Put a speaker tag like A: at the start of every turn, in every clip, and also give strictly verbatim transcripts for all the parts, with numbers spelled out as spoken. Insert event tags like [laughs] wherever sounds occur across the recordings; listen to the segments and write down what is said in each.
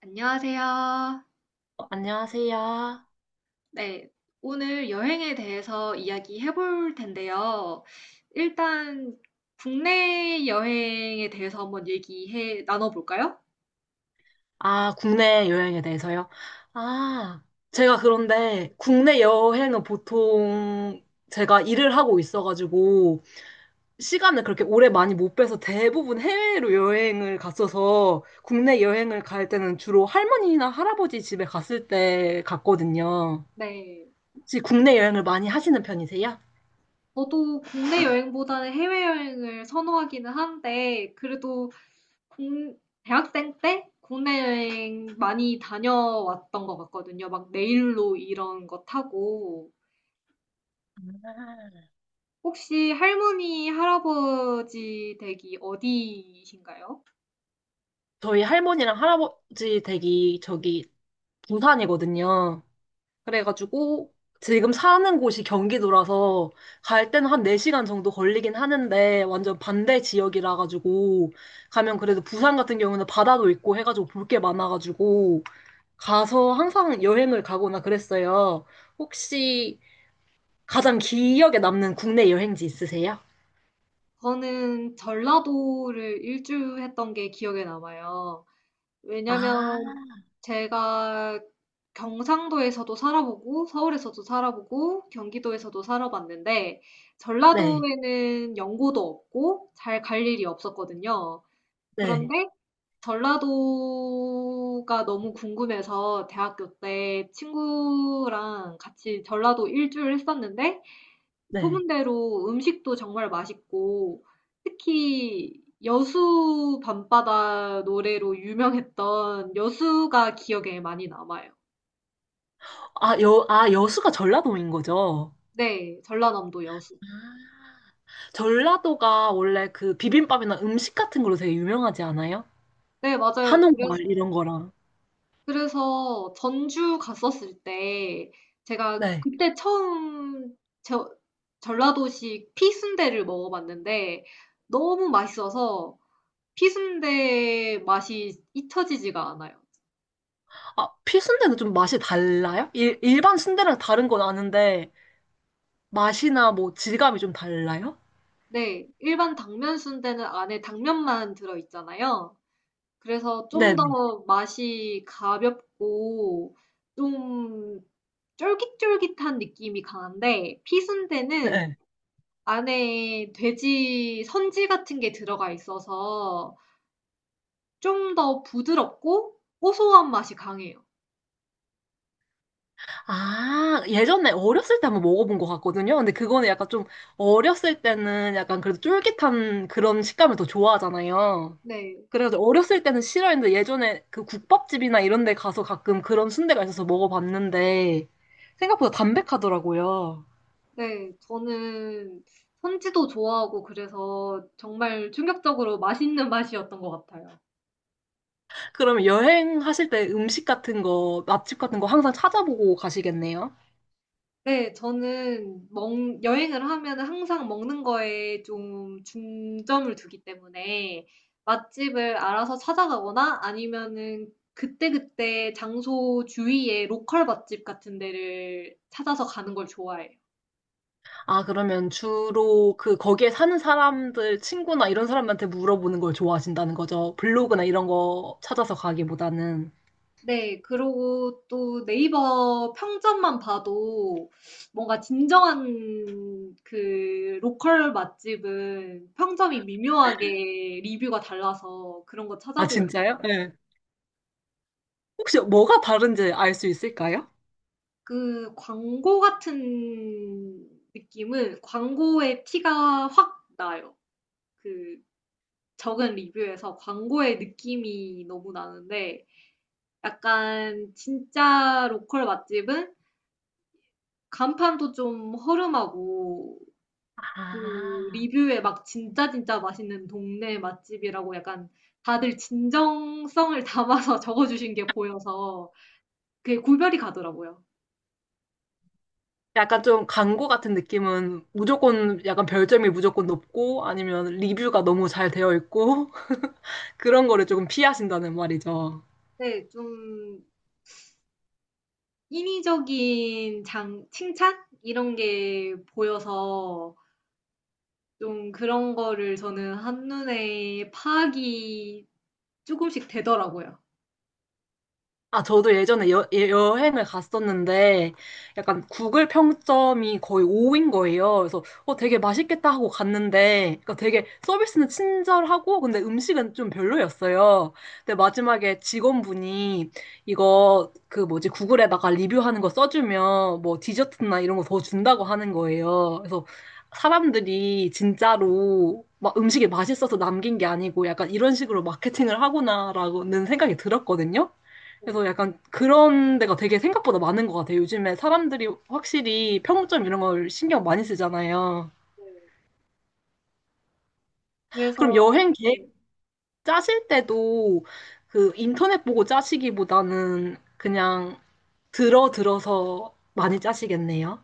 A: 안녕하세요.
B: 어, 안녕하세요.
A: 네, 오늘 여행에 대해서 이야기해 볼 텐데요. 일단 국내 여행에 대해서 한번 얘기해 나눠볼까요?
B: 아, 국내 여행에 대해서요? 아, 제가 그런데 국내 여행은 보통 제가 일을 하고 있어가지고 시간을 그렇게 오래 많이 못 빼서 대부분 해외로 여행을 갔어서 국내 여행을 갈 때는 주로 할머니나 할아버지 집에 갔을 때 갔거든요.
A: 네.
B: 혹시 국내 여행을 많이 하시는 편이세요?
A: 저도 국내 [laughs] 여행보다는 해외여행을 선호하기는 한데, 그래도 공- 대학생 때 국내 여행 많이 다녀왔던 것 같거든요. 막 내일로 이런 거 타고. 혹시 할머니, 할아버지 댁이 어디이신가요?
B: 저희 할머니랑 할아버지 댁이 저기 부산이거든요. 그래가지고 지금 사는 곳이 경기도라서 갈 때는 한 네 시간 정도 걸리긴 하는데 완전 반대 지역이라 가지고 가면 그래도 부산 같은 경우는 바다도 있고 해가지고 볼 게 많아가지고 가서 항상 여행을 가거나 그랬어요. 혹시 가장 기억에 남는 국내 여행지 있으세요?
A: 저는 전라도를 일주했던 게 기억에 남아요. 왜냐면
B: 아,
A: 제가 경상도에서도 살아보고 서울에서도 살아보고 경기도에서도 살아봤는데
B: 네,
A: 전라도에는 연고도 없고 잘 갈 일이 없었거든요.
B: 네,
A: 그런데 전라도가 너무 궁금해서 대학교 때 친구랑 같이 전라도 일주를 했었는데
B: 네.
A: 소문대로 음식도 정말 맛있고 특히 여수 밤바다 노래로 유명했던 여수가 기억에 많이 남아요.
B: 아, 여, 아, 여수가 전라도인 거죠?
A: 네, 전라남도 여수.
B: 전라도가 원래 그 비빔밥이나 음식 같은 걸로 되게 유명하지 않아요?
A: 네, 맞아요. 그래서,
B: 한옥마을 이런 거랑.
A: 그래서 전주 갔었을 때 제가
B: 네.
A: 그때 처음 저, 전라도식 피순대를 먹어봤는데 너무 맛있어서 피순대 맛이 잊혀지지가 않아요.
B: 아, 필순대는 좀 맛이 달라요? 일, 일반 순대랑 다른 건 아는데 맛이나 뭐 질감이 좀 달라요?
A: 네. 일반 당면 순대는 안에 당면만 들어 있잖아요. 그래서 좀
B: 네네.
A: 더 맛이 가볍고 좀 쫄깃쫄깃한 느낌이 강한데 피순대는
B: 네.
A: 안에 돼지 선지 같은 게 들어가 있어서 좀 더 부드럽고 고소한 맛이 강해요.
B: 아, 예전에 어렸을 때 한번 먹어본 것 같거든요. 근데 그거는 약간 좀 어렸을 때는 약간 그래도 쫄깃한 그런 식감을 더 좋아하잖아요.
A: 네.
B: 그래서 어렸을 때는 싫어했는데 예전에 그 국밥집이나 이런 데 가서 가끔 그런 순대가 있어서 먹어봤는데 생각보다 담백하더라고요.
A: 네. 저는 선지도 좋아하고 그래서 정말 충격적으로 맛있는 맛이었던 것 같아요.
B: 그럼 여행하실 때 음식 같은 거, 맛집 같은 거 항상 찾아보고 가시겠네요?
A: 네. 저는 먹 여행을 하면 항상 먹는 거에 좀 중점을 두기 때문에 맛집을 알아서 찾아가거나 아니면은 그때그때 장소 주위에 로컬 맛집 같은 데를 찾아서 가는 걸 좋아해요.
B: 아, 그러면 주로 그 거기에 사는 사람들, 친구나 이런 사람한테 물어보는 걸 좋아하신다는 거죠? 블로그나 이런 거 찾아서 가기보다는.
A: 네. 그리고 또 네이버 평점만 봐도 뭔가 진정한 그 로컬 맛집은 평점이 미묘하게 리뷰가 달라서 그런 거
B: 아,
A: 찾아보고
B: 진짜요? 네. 혹시 뭐가 다른지 알 수 있을까요?
A: 그 광고 같은 느낌은 광고의 티가 확 나요. 그 적은 리뷰에서 광고의 느낌이 너무 나는데 약간 진짜 로컬 맛집은 간판도 좀 허름하고 그
B: 아,
A: 리뷰에 막 진짜 진짜 맛있는 동네 맛집이라고 약간 다들 진정성을 담아서 [laughs] 적어주신 게 보여서 그게 구별이 가더라고요.
B: 약간 좀 광고 같은 느낌은 무조건 약간 별점이 무조건 높고 아니면 리뷰가 너무 잘 되어 있고 [laughs] 그런 거를 조금 피하신다는 말이죠.
A: 네, 좀 인위적인 장, 칭찬? 이런 게 보여서 좀 그런 거를 저는 한눈에 파악이 조금씩 되더라고요.
B: 아, 저도 예전에 여, 예- 여행을 갔었는데, 약간 구글 평점이 거의 오인 거예요. 그래서, 어, 되게 맛있겠다 하고 갔는데, 그러니까 되게 서비스는 친절하고, 근데 음식은 좀 별로였어요. 근데 마지막에 직원분이 이거, 그 뭐지, 구글에다가 리뷰하는 거 써주면, 뭐 디저트나 이런 거 더 준다고 하는 거예요. 그래서 사람들이 진짜로 막 음식이 맛있어서 남긴 게 아니고, 약간 이런 식으로 마케팅을 하구나라는 생각이 들었거든요.
A: 네,
B: 그래서 약간 그런 데가 되게 생각보다 많은 것 같아요. 요즘에 사람들이 확실히 평점 이런 걸 신경 많이 쓰잖아요.
A: 네. 그래서,
B: 그럼 여행 계획
A: 네.
B: 짜실 때도 그 인터넷 보고 짜시기보다는 그냥 들어 들어서 많이 짜시겠네요.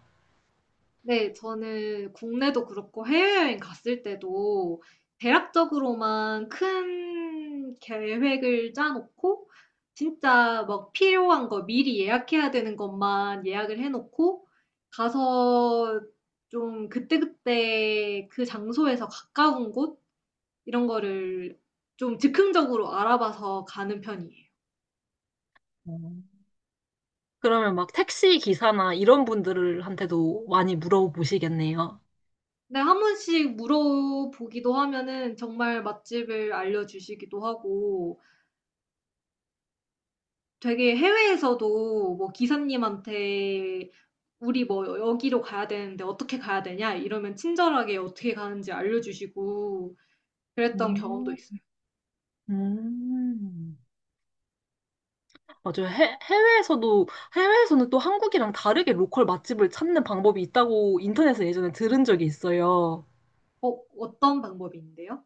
A: 네. 저는 국내도 그렇고 해외여행 갔을 때도 대략적으로만 큰 계획을 짜 놓고 진짜 막 필요한 거 미리 예약해야 되는 것만 예약을 해 놓고 가서 좀 그때그때 그 장소에서 가까운 곳 이런 거를 좀 즉흥적으로 알아봐서 가는 편이에요.
B: 음. 그러면 막 택시 기사나 이런 분들한테도 많이 물어보시겠네요.
A: 근데 한 번씩 물어보기도 하면은 정말 맛집을 알려 주시기도 하고 되게 해외에서도 뭐 기사님한테 "우리 뭐 여기로 가야 되는데 어떻게 가야 되냐?" 이러면 친절하게 어떻게 가는지 알려주시고 그랬던 경험도
B: 음.
A: 있어요.
B: 음. 맞아요. 해, 해외에서도, 해외에서는 또 한국이랑 다르게 로컬 맛집을 찾는 방법이 있다고 인터넷에 예전에 들은 적이 있어요.
A: 어 어떤 방법인데요?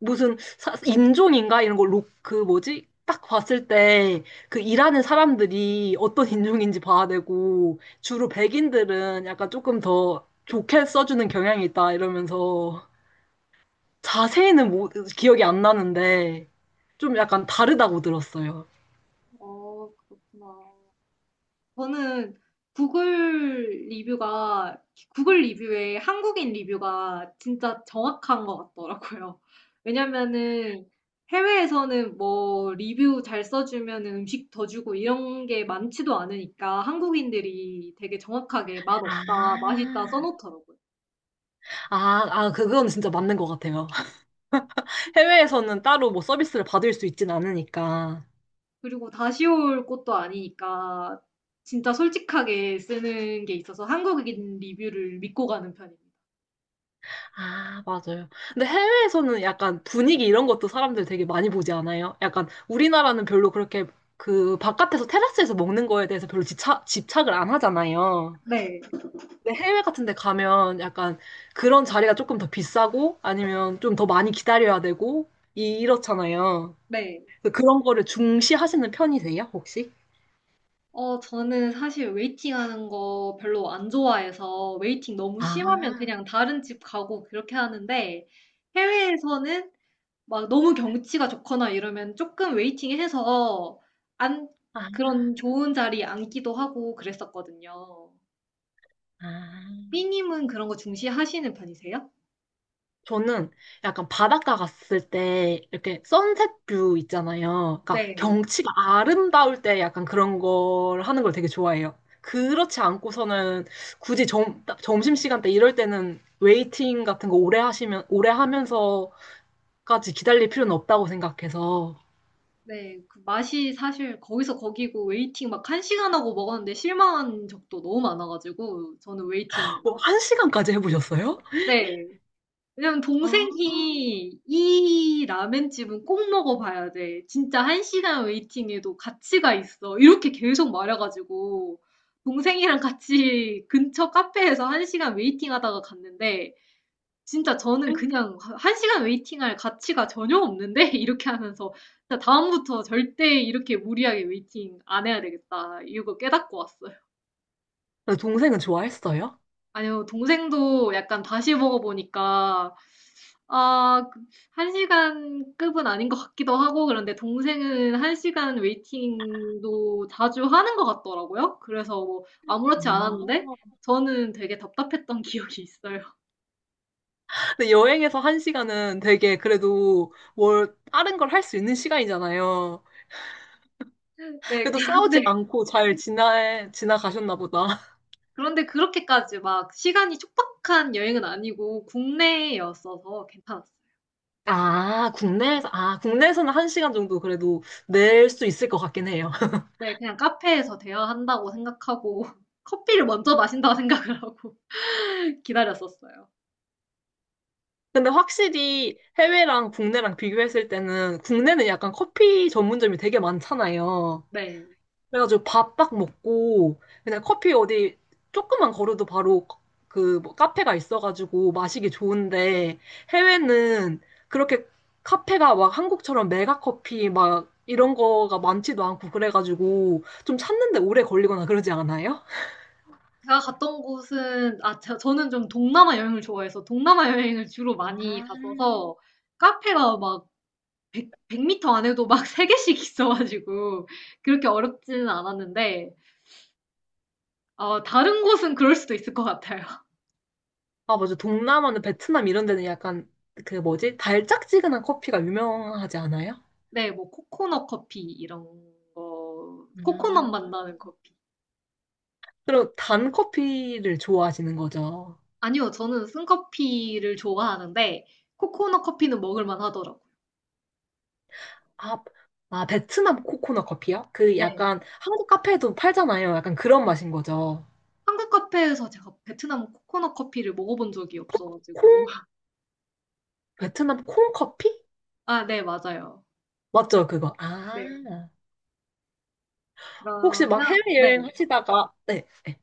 B: 무슨 사- 인종인가? 이런 거, 로, 그 뭐지? 딱 봤을 때 그 일하는 사람들이 어떤 [laughs] 인종인지 봐야 되고, 주로 백인들은 약간 조금 더 좋게 써주는 경향이 있다 이러면서 자세히는 모- 기억이 안 나는데, 좀 약간 다르다고 들었어요.
A: 어 그렇구나. 저는 구글 리뷰가, 구글 리뷰에 한국인 리뷰가 진짜 정확한 것 같더라고요. 왜냐면은 해외에서는 뭐 리뷰 잘 써주면 음식 더 주고 이런 게 많지도 않으니까 한국인들이 되게 정확하게
B: 아,
A: 맛없다, 맛있다 써놓더라고요.
B: 아, 아, 그건 진짜 맞는 것 같아요. 해외에서는 따로 뭐 서비스를 받을 수 있진 않으니까.
A: 그리고 다시 올 것도 아니니까 진짜 솔직하게 쓰는 게 있어서 한국인 리뷰를 믿고 가는 편입니다.
B: 아, 맞아요. 근데 해외에서는 약간 분위기 이런 것도 사람들 되게 많이 보지 않아요? 약간 우리나라는 별로 그렇게 그 바깥에서 테라스에서 먹는 거에 대해서 별로 집착, 집착을 안 하잖아요.
A: 네,
B: 근데 해외 같은 데 가면 약간 그런 자리가 조금 더 비싸고 아니면 좀 더 많이 기다려야 되고 이- 이렇잖아요.
A: 네.
B: 그래서 그런 거를 중시하시는 편이세요, 혹시?
A: 어, 저는 사실 웨이팅하는 거 별로 안 좋아해서 웨이팅 너무 심하면
B: 아,
A: 그냥 다른 집 가고 그렇게 하는데 해외에서는 막 너무 경치가 좋거나 이러면 조금 웨이팅해서 안
B: 아,
A: 그런 좋은 자리 앉기도 하고 그랬었거든요.
B: 아.
A: 삐님은 그런 거 중시하시는 편이세요?
B: 저는 약간 바닷가 갔을 때 이렇게 선셋 뷰 있잖아요. 그러니까
A: 네,
B: 경치가 아름다울 때 약간 그런 걸 하는 걸 되게 좋아해요. 그렇지 않고서는 굳이 점, 점심시간 때 이럴 때는 웨이팅 같은 거 오래 하시면, 오래 하면서까지 기다릴 필요는 없다고 생각해서
A: 네. 그 맛이 사실 거기서 거기고 웨이팅 막 한 시간 하고 먹었는데 실망한 적도 너무 많아가지고 저는 웨이팅.
B: 뭐, 한 시간까지 해보셨어요?
A: 네. 왜냐면
B: 아,
A: 동생이 이 라멘집은 꼭 먹어봐야 돼. 진짜 한 시간 웨이팅에도 가치가 있어. 이렇게 계속 말해가지고 동생이랑 같이 [laughs] 근처 카페에서 한 시간 웨이팅 하다가 갔는데 진짜 저는 그냥 한 시간 웨이팅할 가치가 전혀 없는데 [laughs] 이렇게 하면서 진짜 다음부터 절대 이렇게 무리하게 웨이팅 안 해야 되겠다. 이거 깨닫고 왔어요.
B: 근데 동생은 좋아했어요?
A: 아니요, 동생도 약간 다시 먹어보니까, 아, 그- 한 시간 급은 아닌 것 같기도 하고, 그런데 동생은 한 시간 웨이팅도 자주 하는 것 같더라고요. 그래서 뭐, 아무렇지
B: 아.
A: 않았는데, 저는 되게 답답했던 [laughs] 기억이 있어요.
B: 근데 여행에서 한 시간은 되게 그래도 뭘 다른 걸 할 수 있는 시간이잖아요.
A: 네,
B: 그래도 싸우지
A: 그런데,
B: 않고 잘 지나, 지나가셨나 보다.
A: 그런데 그렇게까지 막 시간이 촉박한 여행은 아니고, 국내였어서 괜찮았어요.
B: 아, 국내에서, 아, 국내에서는 한 시간 정도 그래도 낼 수 있을 것 같긴 해요. [laughs]
A: 네, 그냥 카페에서 대화한다고 생각하고, [laughs] 커피를 먼저 마신다고 생각을 하고 [laughs] 기다렸었어요.
B: 근데 확실히 해외랑 국내랑 비교했을 때는 국내는 약간 커피 전문점이 되게 많잖아요.
A: 네.
B: 그래가지고 밥 딱 먹고 그냥 커피 어디 조금만 걸어도 바로 그뭐 카페가 있어가지고 마시기 좋은데 해외는 그렇게 카페가 막 한국처럼 메가 커피 막 이런 거가 많지도 않고 그래가지고 좀 찾는데 오래 걸리거나 그러지 않아요?
A: 제가 갔던 곳은 아 저 저는 좀 동남아 여행을 좋아해서 동남아 여행을 주로 많이
B: 아,
A: 갔어서 카페가 막 백, 터 m 안에도 막 [laughs] 세 개씩 있어 가지고 그렇게 어렵지는 않았는데 어 다른 곳은 그럴 수도 있을 것 같아요. [laughs]
B: 아 맞아 동남아는 베트남 이런 데는 약간 그 뭐지 달짝지근한 커피가 유명하지 않아요?
A: 네, 뭐 코코넛 커피 이런 거 코코넛 맛
B: 아.
A: 나는 커피.
B: 그럼 단 커피를 좋아하시는 거죠?
A: 아니요. 저는 쓴커피를 좋아하는데 코코넛 커피는 먹을 만 하더라고요.
B: 아, 아, 베트남 코코넛 커피요? 그
A: 네.
B: 약간 한국 카페에도 팔잖아요. 약간 그런 맛인 거죠.
A: 한국 카페에서 제가 베트남 코코넛 커피를 먹어본 적이 없어 가지고
B: 콩?
A: [laughs]
B: 베트남 콩 커피?
A: 아 네, 맞아요.
B: 맞죠, 그거.
A: 네.
B: 아, 혹시
A: 그러면
B: 막
A: 네.
B: 해외여행 하시다가, 네, 네.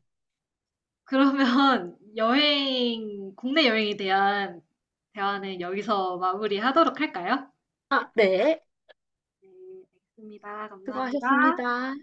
A: 그러면 [laughs] 여행 국내 여행에 대한 대화는 여기서 마무리하도록 할까요?
B: 아, 네.
A: 네, 알겠습니다. 감사합니다.
B: 수고하셨습니다.